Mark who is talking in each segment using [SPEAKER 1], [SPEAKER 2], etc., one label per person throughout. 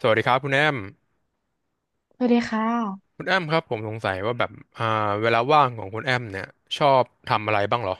[SPEAKER 1] สวัสดีครับคุณแอม
[SPEAKER 2] สวัสดีค่ะ
[SPEAKER 1] คุณแอมครับผมสงสัยว่าแบบอ่าเวลาว่างของคุณแอมเนี่ยชอบทำอะไรบ้างเหรอ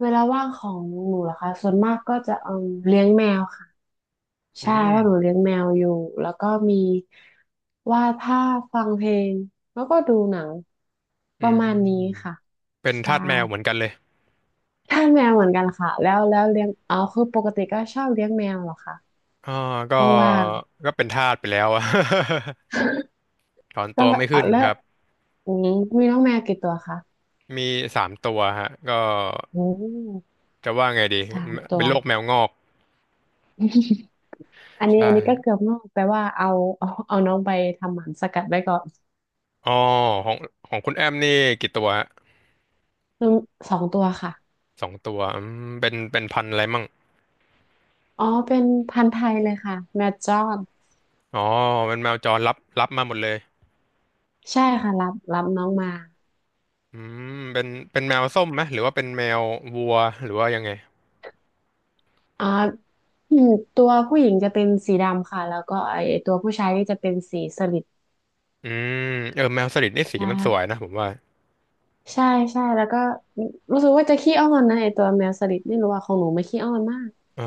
[SPEAKER 2] เวลาว่างของหนูเหรอคะส่วนมากก็จะเอมเลี้ยงแมวค่ะ
[SPEAKER 1] อื
[SPEAKER 2] ใช่เพราะหนู
[SPEAKER 1] ม
[SPEAKER 2] เลี้ยงแมวอยู่แล้วก็มีวาดภาพฟังเพลงแล้วก็ดูหนังป
[SPEAKER 1] อื
[SPEAKER 2] ระมาณนี้
[SPEAKER 1] ม
[SPEAKER 2] ค่ะ
[SPEAKER 1] เป็น
[SPEAKER 2] ใช่
[SPEAKER 1] ทาสแมวเหมือนกันเลย
[SPEAKER 2] ทานแมวเหมือนกันค่ะแล้วเลี้ยงเอาคือปกติก็ชอบเลี้ยงแมวเหรอคะ
[SPEAKER 1] อ่าก็
[SPEAKER 2] ว่าง
[SPEAKER 1] ก็เป็นทาสไปแล้วอะ ถอน
[SPEAKER 2] ๆ ก็
[SPEAKER 1] ตัวไม่
[SPEAKER 2] เอา
[SPEAKER 1] ขึ้น
[SPEAKER 2] แล้ว
[SPEAKER 1] ครับ
[SPEAKER 2] อืมมีน้องแมวกี่ตัวคะ
[SPEAKER 1] มีสามตัวฮะก็
[SPEAKER 2] อืม
[SPEAKER 1] จะว่าไงดี
[SPEAKER 2] สามตั
[SPEAKER 1] เป็
[SPEAKER 2] ว
[SPEAKER 1] นโรคแมวงอก
[SPEAKER 2] อันนี้
[SPEAKER 1] ใช่
[SPEAKER 2] อันนี้ก็เกือบงอกแปลว่าเอาเอาน้องไปทำหมันสกัดไว้ก่อน
[SPEAKER 1] อ๋อของของคุณแอมนี่กี่ตัวฮะ
[SPEAKER 2] อืมสองตัวค่ะ
[SPEAKER 1] สองตัวอืมเป็นพันธุ์อะไรมั่ง
[SPEAKER 2] อ๋อเป็นพันธุ์ไทยเลยค่ะแมดจอน
[SPEAKER 1] อ๋อเป็นแมวจรรับมาหมดเลย
[SPEAKER 2] ใช่ค่ะรับน้องมา
[SPEAKER 1] อืมเป็นแมวส้มไหมหรือว่าเป็นแมววัวหรือว่ายังไง
[SPEAKER 2] อ่าอืมตัวผู้หญิงจะเป็นสีดำค่ะแล้วก็ไอตัวผู้ชายนี่จะเป็นสีสลิด
[SPEAKER 1] อืมเออแมวสลิดนี่สี
[SPEAKER 2] ใช่
[SPEAKER 1] มันสวยนะผมว่า
[SPEAKER 2] ใช่ใช่แล้วก็รู้สึกว่าจะขี้อ้อนนะไอตัวแมวสลิดไม่รู้ว่าของหนูไม่ขี้อ้อนมาก
[SPEAKER 1] อ๋อ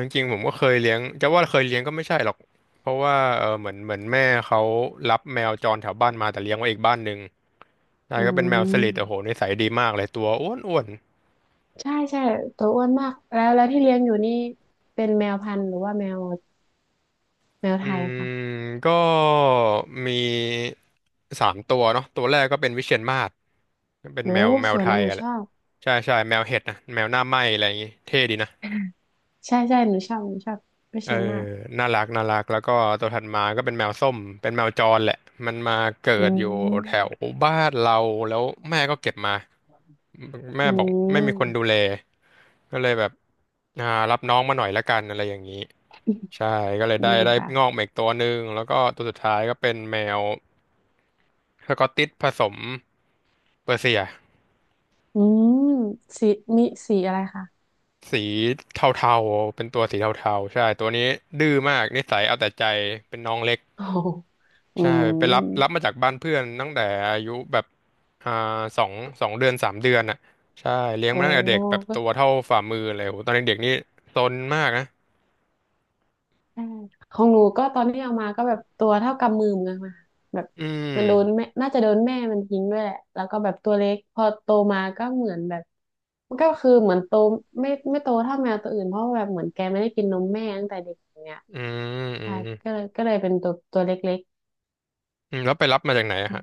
[SPEAKER 1] จริงๆผมก็เคยเลี้ยงจะว่าเคยเลี้ยงก็ไม่ใช่หรอกเพราะว่าเออเหมือนแม่เขารับแมวจรแถวบ้านมาแต่เลี้ยงไว้อีกบ้านหนึ่งนา
[SPEAKER 2] อื
[SPEAKER 1] ยก็เป็นแมวสลิดโอ้โห
[SPEAKER 2] ม
[SPEAKER 1] นิสัยดีมากเลยตัวอ้วนอ้วน
[SPEAKER 2] ใช่ใช่ตัวอ้วนมาก แล้วที่เลี้ยงอยู่นี่เป็นแมวพันธุ์หรือว่าแมว
[SPEAKER 1] อื
[SPEAKER 2] ไทยค่ะ
[SPEAKER 1] มก็มีสามตัวเนาะตัวแรกก็เป็นวิเชียรมาศเป็น
[SPEAKER 2] โอ้
[SPEAKER 1] แมวแม
[SPEAKER 2] ส
[SPEAKER 1] ว
[SPEAKER 2] วย
[SPEAKER 1] ไท
[SPEAKER 2] นะ
[SPEAKER 1] ย
[SPEAKER 2] หนู
[SPEAKER 1] อะแห
[SPEAKER 2] ช
[SPEAKER 1] ละ
[SPEAKER 2] อบ
[SPEAKER 1] ใช่ใช่แมวเห็ดนะแมวหน้าไหม้อะไรอย่างงี้เท่ดีนะ
[SPEAKER 2] ใช่ใช่หนูชอบหนูชอบวิ
[SPEAKER 1] เอ
[SPEAKER 2] เชียรมา
[SPEAKER 1] อ
[SPEAKER 2] ก
[SPEAKER 1] น่ารักน่ารักแล้วก็ตัวถัดมาก็เป็นแมวส้มเป็นแมวจรแหละมันมาเกิ
[SPEAKER 2] อื
[SPEAKER 1] ดอยู่แถ
[SPEAKER 2] ม
[SPEAKER 1] วบ้านเราแล้วแม่ก็เก็บมาแม่
[SPEAKER 2] อื
[SPEAKER 1] บอกไม่มีคนดูแล
[SPEAKER 2] ม
[SPEAKER 1] ก็เลยแบบอ่ารับน้องมาหน่อยละกันอะไรอย่างนี้ใช่ก็เลยได้
[SPEAKER 2] ดี
[SPEAKER 1] ได้
[SPEAKER 2] ค่ะ
[SPEAKER 1] งอกมาอีกตัวหนึ่งแล้วก็ตัวสุดท้ายก็เป็นแมวสกอตติชผสมเปอร์เซีย
[SPEAKER 2] อืมสีมีสีอะไรคะ
[SPEAKER 1] สีเทาๆเป็นตัวสีเทาๆใช่ตัวนี้ดื้อมากนิสัยเอาแต่ใจเป็นน้องเล็ก
[SPEAKER 2] โอ้โหอื
[SPEAKER 1] ใช่ไปรับรั
[SPEAKER 2] ม
[SPEAKER 1] บมาจากบ้านเพื่อนตั้งแต่อายุแบบอ่าสองสองเดือนสามเดือนอ่ะใช่เลี้ยง
[SPEAKER 2] โอ
[SPEAKER 1] มาตั้งแต่เด็กแบบ
[SPEAKER 2] ้
[SPEAKER 1] ตัวเท่าฝ่ามือเลยโหตอนเด็กๆนี่ซนมากนะ
[SPEAKER 2] ใช่ของหนูก็ตอนที่เอามาก็แบบตัวเท่ากำมือมึงอะค่ะแบบ
[SPEAKER 1] อื
[SPEAKER 2] มันโดน
[SPEAKER 1] ม
[SPEAKER 2] แม่น่าจะโดนแม่มันทิ้งด้วยแหละแล้วก็แบบตัวเล็กพอโตมาก็เหมือนแบบมันก็คือเหมือนโตไม่โตเท่าแมวตัวอื่นเพราะว่าแบบเหมือนแกไม่ได้กินนมแม่ตั้งแต่เด็กอย่างเงี้ย
[SPEAKER 1] อืมอื
[SPEAKER 2] ใช่
[SPEAKER 1] ม
[SPEAKER 2] ก็เลยเป็นตัวเล็ก
[SPEAKER 1] อืมแล้วไปรับมาจากไหนอะฮะ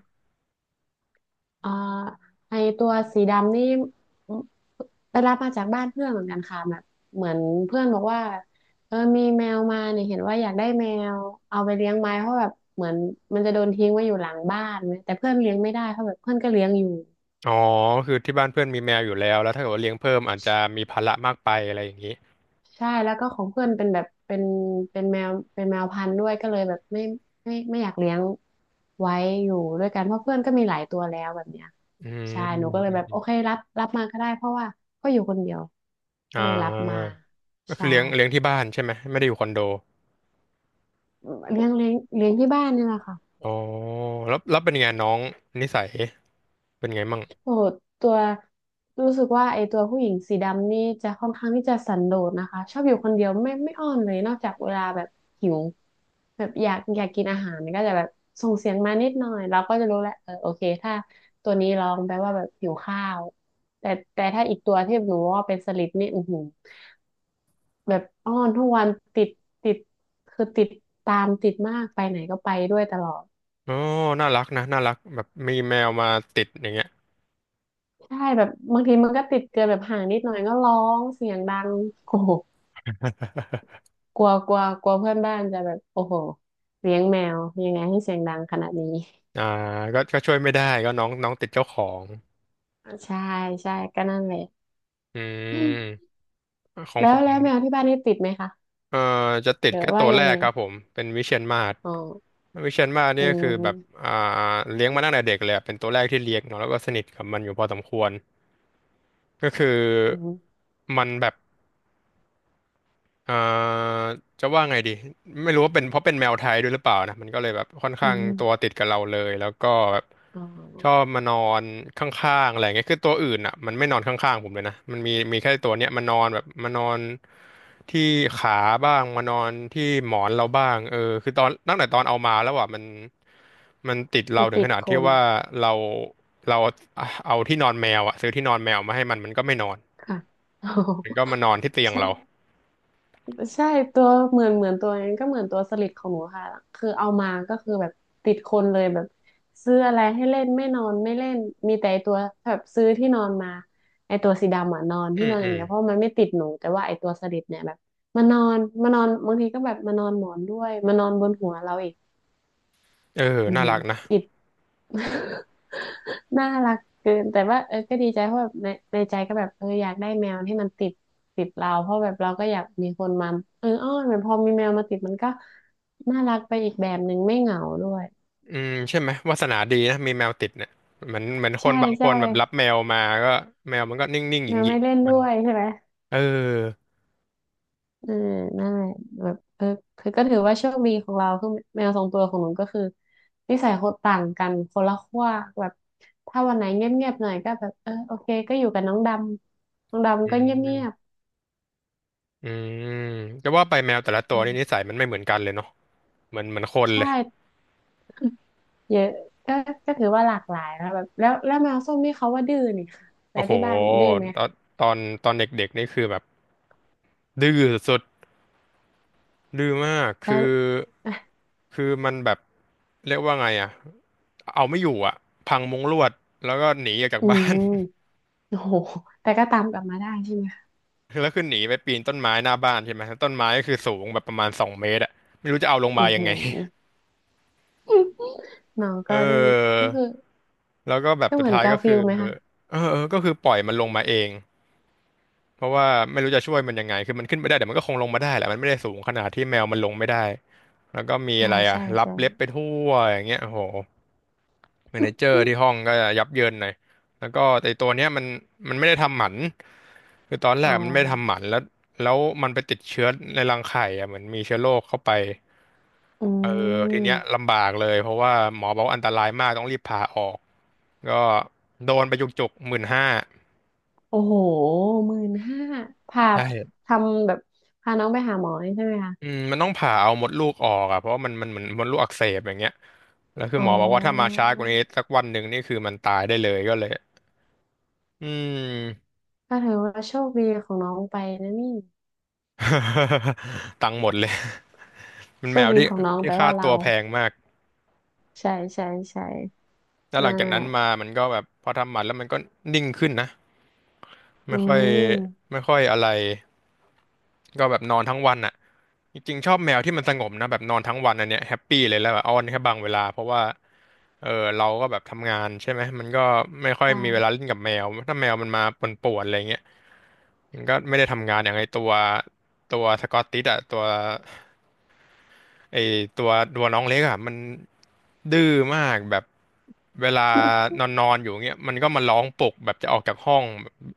[SPEAKER 2] อ่าไอตัวสีดำนี่อไปรับมาจากบ้านเพื่อนเหมือนกันค่ะแบบเหมือนเพื่อนบอกว่าเออมีแมวมาเนี่ยเห็นว่าอยากได้แมวเอาไปเลี้ยงไหมเพราะแบบเหมือนมันจะโดนทิ้งไว้อยู่หลังบ้านแต่เพื่อนเลี้ยงไม่ได้เพราะแบบเพื่อนก็เลี้ยงอยู่
[SPEAKER 1] อ๋อคือที่บ้านเพื่อนมีแมวอยู่แล้วแล้วถ้าเกิดว่าเลี้ยงเพิ่มอาจจะมีภาระมากไปอะไรอย่างนี้
[SPEAKER 2] ใช่แล้วก็ของเพื่อนเป็นแบบเป็นแมวเป็นแมวพันธุ์ด้วยก็เลยแบบไม่อยากเลี้ยงไว้อยู่ด้วยกันเพราะเพื่อนก็มีหลายตัวแล้วแบบเนี้ย
[SPEAKER 1] อืม
[SPEAKER 2] ใช่ห
[SPEAKER 1] อื
[SPEAKER 2] นู
[SPEAKER 1] ม
[SPEAKER 2] ก็เลย
[SPEAKER 1] อืม
[SPEAKER 2] แบบ
[SPEAKER 1] อ
[SPEAKER 2] โอเค
[SPEAKER 1] ม
[SPEAKER 2] รับมาก็ได้เพราะว่าก็อยู่คนเดียวก็
[SPEAKER 1] อ่า
[SPEAKER 2] เลยรับมา
[SPEAKER 1] ก็คื
[SPEAKER 2] ใช่
[SPEAKER 1] อเลี้ยงเลี้ยงที่บ้านใช่ไหมไม่ได้อยู่คอนโด
[SPEAKER 2] เลี้ยงที่บ้านนี่แหละค่ะ
[SPEAKER 1] อ๋อแล้วแล้วเป็นไงน้องนิสัยเป็นไงมั่ง
[SPEAKER 2] โอ้ตัวรู้สึกว่าไอ้ตัวผู้หญิงสีดำนี่จะค่อนข้างที่จะสันโดษนะคะชอบอยู่คนเดียวไม่อ้อนเลยนอกจากเวลาแบบหิวแบบอยากกินอาหารก็จะแบบส่งเสียงมานิดหน่อยเราก็จะรู้แหละเออโอเคถ้าตัวนี้ร้องแปลว่าแบบหิวข้าวแต่แต่ถ้าอีกตัวที่หนูว่าเป็นสลิดนี่อือหือแบบอ้อนทุกวันติดติดคือติดตามติดมากไปไหนก็ไปด้วยตลอด
[SPEAKER 1] โอ้น่ารักนะ น่ารักแบบมีแมวมาติดอย่างเงี้ย
[SPEAKER 2] ใช่แบบบางทีมันก็ติดเกินแบบห่างนิดหน่อยก็ร้องเสียงดังโอ้โห กลัวกลัวกลัวเพื่อนบ้านจะแบบโอ้โหเลี้ยงแมวยังไงให้เสียงดังขนาดนี้
[SPEAKER 1] อ่าก็ก็ช่วยไม่ได้ ก็น้องน้องติดเจ้าของ
[SPEAKER 2] ใช่ใช่ก็นั่นแหละ
[SPEAKER 1] อืม ของ
[SPEAKER 2] แล้
[SPEAKER 1] ผ
[SPEAKER 2] ว
[SPEAKER 1] ม
[SPEAKER 2] แล้วแมวที่บ้านนี่ติดไหมคะ
[SPEAKER 1] เอ่จะติ
[SPEAKER 2] ห
[SPEAKER 1] ด
[SPEAKER 2] รือ
[SPEAKER 1] แค่
[SPEAKER 2] ว่า
[SPEAKER 1] ตัว
[SPEAKER 2] ยั
[SPEAKER 1] แร
[SPEAKER 2] ง
[SPEAKER 1] ก
[SPEAKER 2] ไง
[SPEAKER 1] ครับผม เป็นวิเชียรมาศ
[SPEAKER 2] อ๋อ
[SPEAKER 1] วิเชียรมาศ
[SPEAKER 2] อื
[SPEAKER 1] เนี่ยคือแบบ
[SPEAKER 2] ม
[SPEAKER 1] อ่า เลี้ยงมาตั้งแต่เด็กเลยอะเป็นตัวแรกที่เลี้ยงเนาะแล้วก็สนิทกับมันอยู่พอสมควร ก็คือ
[SPEAKER 2] อืม
[SPEAKER 1] มันแบบ เอ่อจะว่าไงดีไม่รู้ว่าเป็นเพราะเป็นแมวไทยด้วยหรือเปล่านะมันก็เลยแบบค่อน
[SPEAKER 2] อื
[SPEAKER 1] ข้างตัว
[SPEAKER 2] ม
[SPEAKER 1] ติดกับเราเลยแล้วก็แบบ
[SPEAKER 2] อ๋อ
[SPEAKER 1] ชอบมานอนข้างๆอะไรเงี้ยคือตัวอื่นอ่ะมันไม่นอนข้างๆผมเลยนะมันมีแค่ตัวเนี้ยมานอนแบบมานอนที่ขาบ้างมานอนที่หมอนเราบ้างเออคือตอนตั้งแต่ตอนเอามาแล้วอ่ะมันมันติดเรา
[SPEAKER 2] มัน
[SPEAKER 1] ถึง
[SPEAKER 2] ติ
[SPEAKER 1] ข
[SPEAKER 2] ด
[SPEAKER 1] นาด
[SPEAKER 2] ค
[SPEAKER 1] ที่
[SPEAKER 2] น
[SPEAKER 1] ว่าเราเราเอาที่นอนแมวอ่ะซื้อที่นอนแมวมาให้มันมันก็ไม่นอน
[SPEAKER 2] ค่ะ อ๋อ
[SPEAKER 1] มันก็มานอนที่เตียง
[SPEAKER 2] ใช่
[SPEAKER 1] เรา
[SPEAKER 2] ใช่ตัวเหมือนตัวนั้นก็เหมือนตัวสลิดของหนูค่ะคือเอามาก็คือแบบติดคนเลยแบบซื้ออะไรให้เล่นไม่นอนไม่เล่นมีแต่ไอ้ตัวแบบซื้อที่นอนมาไอตัวสีดำอ่ะนอน
[SPEAKER 1] อื
[SPEAKER 2] ที่น
[SPEAKER 1] ม
[SPEAKER 2] อนอ
[SPEAKER 1] อื
[SPEAKER 2] ย่าง
[SPEAKER 1] ม
[SPEAKER 2] เงี้ยเพราะมันไม่ติดหนูแต่ว่าไอตัวสลิดเนี่ยแบบมานอนบางทีก็แบบมานอนหมอนด้วยมานอนบนหัวเราอีก
[SPEAKER 1] เออ
[SPEAKER 2] อือ
[SPEAKER 1] น่า
[SPEAKER 2] หือ
[SPEAKER 1] รักนะ
[SPEAKER 2] จิต น่ารักเกินแต่ว่าเออก็ดีใจเพราะแบบในในใจก็แบบเอออยากได้แมวที่มันติดติดเราเพราะแบบเราก็อยากมีคนมาเอออ้อนเหมือนพอมีแมวมาติดมันก็น่ารักไปอีกแบบหนึ่งไม่เหงาด้วย
[SPEAKER 1] อืมใช่ไหมวาสนาดีนะมีแมวติดเนี่ยเหมือนค
[SPEAKER 2] ใช่
[SPEAKER 1] นบางค
[SPEAKER 2] ใช่
[SPEAKER 1] นแบบรับแมวมาก็แมวมันก็นิ่งๆห
[SPEAKER 2] แมว
[SPEAKER 1] ยิ่
[SPEAKER 2] ไม่
[SPEAKER 1] งๆ
[SPEAKER 2] เล่
[SPEAKER 1] ขอ
[SPEAKER 2] น
[SPEAKER 1] ง
[SPEAKER 2] ด้
[SPEAKER 1] มัน
[SPEAKER 2] วยใช่ไหม
[SPEAKER 1] เออ
[SPEAKER 2] เออนั่นแหละแบบเออคือก็ถือว่าโชคดีของเราคือแมวสองตัวของหนูก็คือนิสัยคนต่างกันคนละขั้วแบบถ้าวันไหนเงียบๆหน่อยก็แบบเออโอเคก็อยู่กับน้องดำน้อง
[SPEAKER 1] อื
[SPEAKER 2] ดำก็เงียบ
[SPEAKER 1] มอืมจะว่าไปแมวแต่ละตัว
[SPEAKER 2] ๆ
[SPEAKER 1] นี่นิสัยมันไม่เหมือนกันเลยเนาะเหมือนคน
[SPEAKER 2] ใช่
[SPEAKER 1] เลย
[SPEAKER 2] เยอะก็ก็ถือว่าหลากหลายนะแบบแล้วแมวส้มนี่เขาว่าดื้อนี่ค่ะแล้
[SPEAKER 1] โอ้
[SPEAKER 2] ว
[SPEAKER 1] โห
[SPEAKER 2] ที่บ้านดื้อไหม
[SPEAKER 1] ตอ
[SPEAKER 2] คะ
[SPEAKER 1] นตอนตอนเด็กๆนี่คือแบบดื้อสุดๆดื้อมาก
[SPEAKER 2] แล้
[SPEAKER 1] คื
[SPEAKER 2] ว
[SPEAKER 1] อ
[SPEAKER 2] อ่ะ
[SPEAKER 1] มันแบบเรียกว่าไงอะเอาไม่อยู่อะพังมุ้งลวดแล้วก็หนีออกจาก
[SPEAKER 2] อื
[SPEAKER 1] บ้าน
[SPEAKER 2] มโอ้โหแต่ก็ตามกลับมาได้ใช่ไหมคะ
[SPEAKER 1] คือแล้วคือหนีไปปีนต้นไม้หน้าบ้านใช่ไหมต้นไม้ก็คือสูงแบบประมาณ2 เมตรอะไม่รู้จะเอาลง
[SPEAKER 2] อื
[SPEAKER 1] มา
[SPEAKER 2] อ
[SPEAKER 1] ยัง
[SPEAKER 2] หื
[SPEAKER 1] ไง
[SPEAKER 2] อน้อง ก็ดื้อ
[SPEAKER 1] เออ
[SPEAKER 2] ก็คือ
[SPEAKER 1] แล้วก็แบบ
[SPEAKER 2] ก็
[SPEAKER 1] สุ
[SPEAKER 2] เห
[SPEAKER 1] ด
[SPEAKER 2] มือน
[SPEAKER 1] ท้าย
[SPEAKER 2] กา
[SPEAKER 1] ก็
[SPEAKER 2] ฟิ
[SPEAKER 1] คื
[SPEAKER 2] ล
[SPEAKER 1] อ
[SPEAKER 2] ไหมคะ
[SPEAKER 1] เออเออก็คือปล่อยมันลงมาเอง เพราะว่าไม่รู้จะช่วยมันยังไง คือมันขึ้นไปได้แต่มันก็คงลงมาได้แหละมันไม่ได้สูงขนาดที่แมวมันลงไม่ได้แล้วก็มี
[SPEAKER 2] ใช่
[SPEAKER 1] อะไรอ่ะ
[SPEAKER 2] ใช่
[SPEAKER 1] รับ
[SPEAKER 2] ใช่
[SPEAKER 1] เล็บไปทั่วอย่างเงี้ยโอ้โหเมเนเจอร์ที่ห้องก็ยับเยินหน่อยแล้วก็แต่ตัวเนี้ยมันมันไม่ได้ทำหมันคือตอนแร
[SPEAKER 2] อ๋
[SPEAKER 1] กมันไม่ได้ทำห
[SPEAKER 2] อ
[SPEAKER 1] มันแล้วแล้วมันไปติดเชื้อในรังไข่อ่ะเหมือนมีเชื้อโรคเข้าไป
[SPEAKER 2] อื
[SPEAKER 1] เออทีเนี้ย
[SPEAKER 2] ม
[SPEAKER 1] ลำบากเลยเพราะว่าหมอบอกว่าอันตรายมากต้องรีบผ่าออกก็โดนไปจุกๆ15,000
[SPEAKER 2] โอ้โห15,000พา
[SPEAKER 1] ใช่
[SPEAKER 2] ทำแบบพาน้องไปหาหมอนี่ใช่ไหมคะ
[SPEAKER 1] อืมมันต้องผ่าเอามดลูกออกอ่ะเพราะว่ามันเหมือนมดลูกอักเสบอย่างเงี้ยแล้วคือ
[SPEAKER 2] อ๋อ
[SPEAKER 1] หมอบอกว่าถ้ามาช้ากว่านี้สักวันหนึ่งนี่คือมันตายได้เลยก็เลยอืม
[SPEAKER 2] ก็ถือว่าโชคดีของน้องไปนะนี่
[SPEAKER 1] ตังค์หมดเลย มัน
[SPEAKER 2] โช
[SPEAKER 1] แม
[SPEAKER 2] ค
[SPEAKER 1] ว
[SPEAKER 2] ดี
[SPEAKER 1] ที่
[SPEAKER 2] ของน้อง
[SPEAKER 1] ที่
[SPEAKER 2] แปล
[SPEAKER 1] ค่า
[SPEAKER 2] ว่า
[SPEAKER 1] ตั
[SPEAKER 2] เรา
[SPEAKER 1] วแพงมาก
[SPEAKER 2] ใช่ใช่ใช่
[SPEAKER 1] แล้วห
[SPEAKER 2] นั่
[SPEAKER 1] ลัง
[SPEAKER 2] น
[SPEAKER 1] จาก
[SPEAKER 2] แห
[SPEAKER 1] นั้
[SPEAKER 2] ละ
[SPEAKER 1] นมามันก็แบบพอทำหมันแล้วมันก็นิ่งขึ้นนะ
[SPEAKER 2] อื
[SPEAKER 1] ไม่ค่อย
[SPEAKER 2] ม
[SPEAKER 1] ไม่ค่อยอะไร ก็แบบนอนทั้งวันอ่ะจริงๆชอบแมวที่มันสงบนะแบบนอนทั้งวันอันเนี้ยแฮปปี้เลยแล้วแบบอ้อนแค่บางเวลาเพราะว่าเออเราก็แบบทำงานใช่ไหมมันก็ไม่ค่อย
[SPEAKER 2] ใช่
[SPEAKER 1] มีเวลาเล่นกับแมวถ้าแมวมันมาป่วนๆอะไรเงี้ยมันก็ไม่ได้ทำงานอย่างไอตัวสกอตติชอะตัว ไอตัวตัวน้องเล็กอ่ะมันดื้อมากแบบเวลา นอนนอนอยู่เงี้ยมันก็มาร้องปลุกแบบจะออกจากห้อง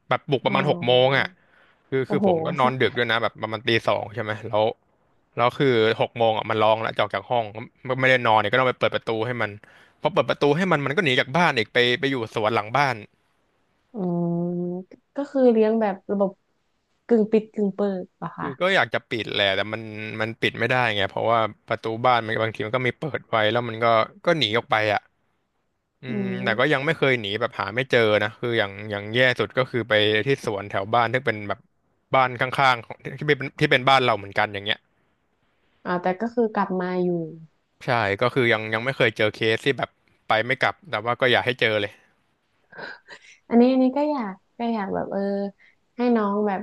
[SPEAKER 1] แบบปลุกป
[SPEAKER 2] อ๋อ
[SPEAKER 1] ระมาณหกโมงอ่ะคือ
[SPEAKER 2] โอ้
[SPEAKER 1] คือ
[SPEAKER 2] โห
[SPEAKER 1] ผมก็นอ
[SPEAKER 2] ใช่
[SPEAKER 1] นดึกด้วยนะแบบประมาณตี 2ใช่ไหมแล้วแล้วคือหกโมงอ่ะมันร้องแล้วจะออกจากห้องมันไม่ได้นอนเนี่ยก็ต้องไปเปิดประตูให้มันพอเปิดประตูให้มันมันก็หนีจากบ้านอีกไปอยู่สวนหลังบ้าน
[SPEAKER 2] อืมก็คือเลี้ยงแบบระบบกึ่งปิดกึ่งเปิดเหรอคะ
[SPEAKER 1] คือก็อยากจะปิดแหละแต่มันมันปิดไม่ได้ไงเพราะว่าประตูบ้านมันบางทีมันก็มีเปิดไว้แล้วมันก็หนีออกไปอ่ะ อื
[SPEAKER 2] อื
[SPEAKER 1] มแต่ก็ยั
[SPEAKER 2] ม
[SPEAKER 1] งไม่เคยหนีแบบหาไม่เจอนะคืออย่างแย่สุดก็คือไปที่สวนแถวบ้านที่เป็นแบบบ้านข้างๆของที่เป็นบ้านเราเหมือนกันอย่างเงี้ย
[SPEAKER 2] อ่าแต่ก็คือกลับมาอยู่
[SPEAKER 1] ใช่ก็คือยังไม่เคยเจอเคสที่แบบไปไม่กลับแต่ว่าก็อยากให้เจอเลย
[SPEAKER 2] อันนี้ก็อยากก็อยากแบบเออให้น้องแบบ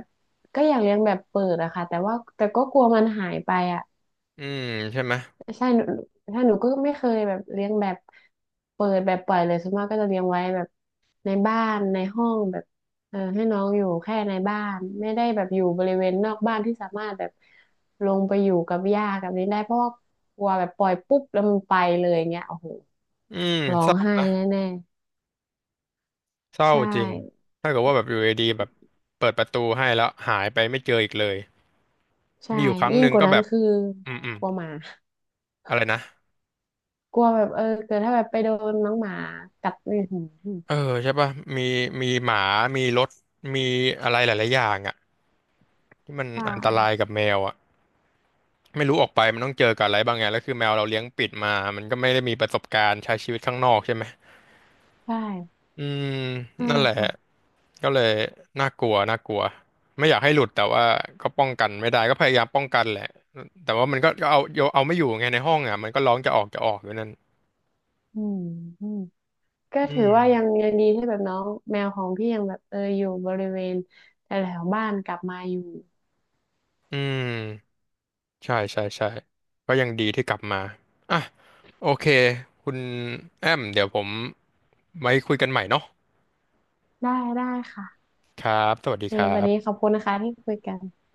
[SPEAKER 2] ก็อยากเลี้ยงแบบเปิดอะค่ะแต่ว่าแต่ก็กลัวมันหายไปอะ
[SPEAKER 1] อืมใช่ไหม
[SPEAKER 2] ใช่หนูก็ไม่เคยแบบเลี้ยงแบบเปิดแบบปล่อยเลยส่วนมากก็จะเลี้ยงไว้แบบในบ้านในห้องแบบเออให้น้องอยู่แค่ในบ้านไม่ได้แบบอยู่บริเวณนอกบ้านที่สามารถแบบลงไปอยู่กับหญ้ากับนี้ได้เพราะว่ากลัวแบบปล่อยปุ๊บแล้วมันไปเลยอย่างเงี้ยโอ้โห
[SPEAKER 1] อืม
[SPEAKER 2] ร้อ
[SPEAKER 1] เศ
[SPEAKER 2] ง
[SPEAKER 1] ร้า
[SPEAKER 2] ไห้
[SPEAKER 1] นะ
[SPEAKER 2] แน่
[SPEAKER 1] เศ
[SPEAKER 2] ๆ
[SPEAKER 1] ร้า
[SPEAKER 2] ใช่
[SPEAKER 1] จริงถ้าเกิดว่าแบบอยู่ดีๆแบบเปิดประตูให้แล้วหายไปไม่เจออีกเลย
[SPEAKER 2] ใช่
[SPEAKER 1] มีอยู่ครั้ง
[SPEAKER 2] ยิ่
[SPEAKER 1] ห
[SPEAKER 2] ง
[SPEAKER 1] นึ่ง
[SPEAKER 2] กว่า
[SPEAKER 1] ก็
[SPEAKER 2] นั้
[SPEAKER 1] แบ
[SPEAKER 2] น
[SPEAKER 1] บ
[SPEAKER 2] คือ
[SPEAKER 1] อืมอืม
[SPEAKER 2] กลัวหมา
[SPEAKER 1] อะไรนะ
[SPEAKER 2] กลัวแบบเออเกิดถ้าแบบไปโดนน้องหมากัดนี่อืม
[SPEAKER 1] เออใช่ป่ะมีมีหมามีรถมีอะไรหลายๆอย่างอ่ะ ที่มัน
[SPEAKER 2] ใช
[SPEAKER 1] อันตรา
[SPEAKER 2] ่
[SPEAKER 1] ยกับแมวอ่ะไม่รู้ออกไปมันต้องเจอกับอะไรบ้างไงแล้วคือแมวเราเลี้ยงปิดมามันก็ไม่ได้มีประสบการณ์ใช้ชีวิตข้างนอกใช่ไหม
[SPEAKER 2] ใช่
[SPEAKER 1] อืม
[SPEAKER 2] ใช่
[SPEAKER 1] นั่นแหละ
[SPEAKER 2] ค่ะ
[SPEAKER 1] ก็เลยน่ากลัวน่ากลัวไม่อยากให้หลุดแต่ว่าก็ป้องกันไม่ได้ก็พยายามป้องกันแหละแต่ว่ามันก็เอาโยเอาไม่อยู่ไงในห้องอ่ะมันก็ร้องจะออกอยู่นั่น
[SPEAKER 2] อืมอืม ก็
[SPEAKER 1] อื
[SPEAKER 2] ถือ
[SPEAKER 1] ม
[SPEAKER 2] ว่ายังดีที่แบบน้องแมวของพี่ยังแบบเอออยู่บริเวณแถวๆบ้านกลับมาอยู่
[SPEAKER 1] อืมใช่ใช่ใช่ก็ยังดีที่กลับมาอ่ะโอเคคุณแอมเดี๋ยวผมไว้คุยกันใหม่เนาะ
[SPEAKER 2] ได้ได้ค่ะ
[SPEAKER 1] ครับสวัส
[SPEAKER 2] โอ
[SPEAKER 1] ดี
[SPEAKER 2] เค
[SPEAKER 1] ครั
[SPEAKER 2] วันนี้
[SPEAKER 1] บ
[SPEAKER 2] ขอบคุณนะคะที่คุยกัน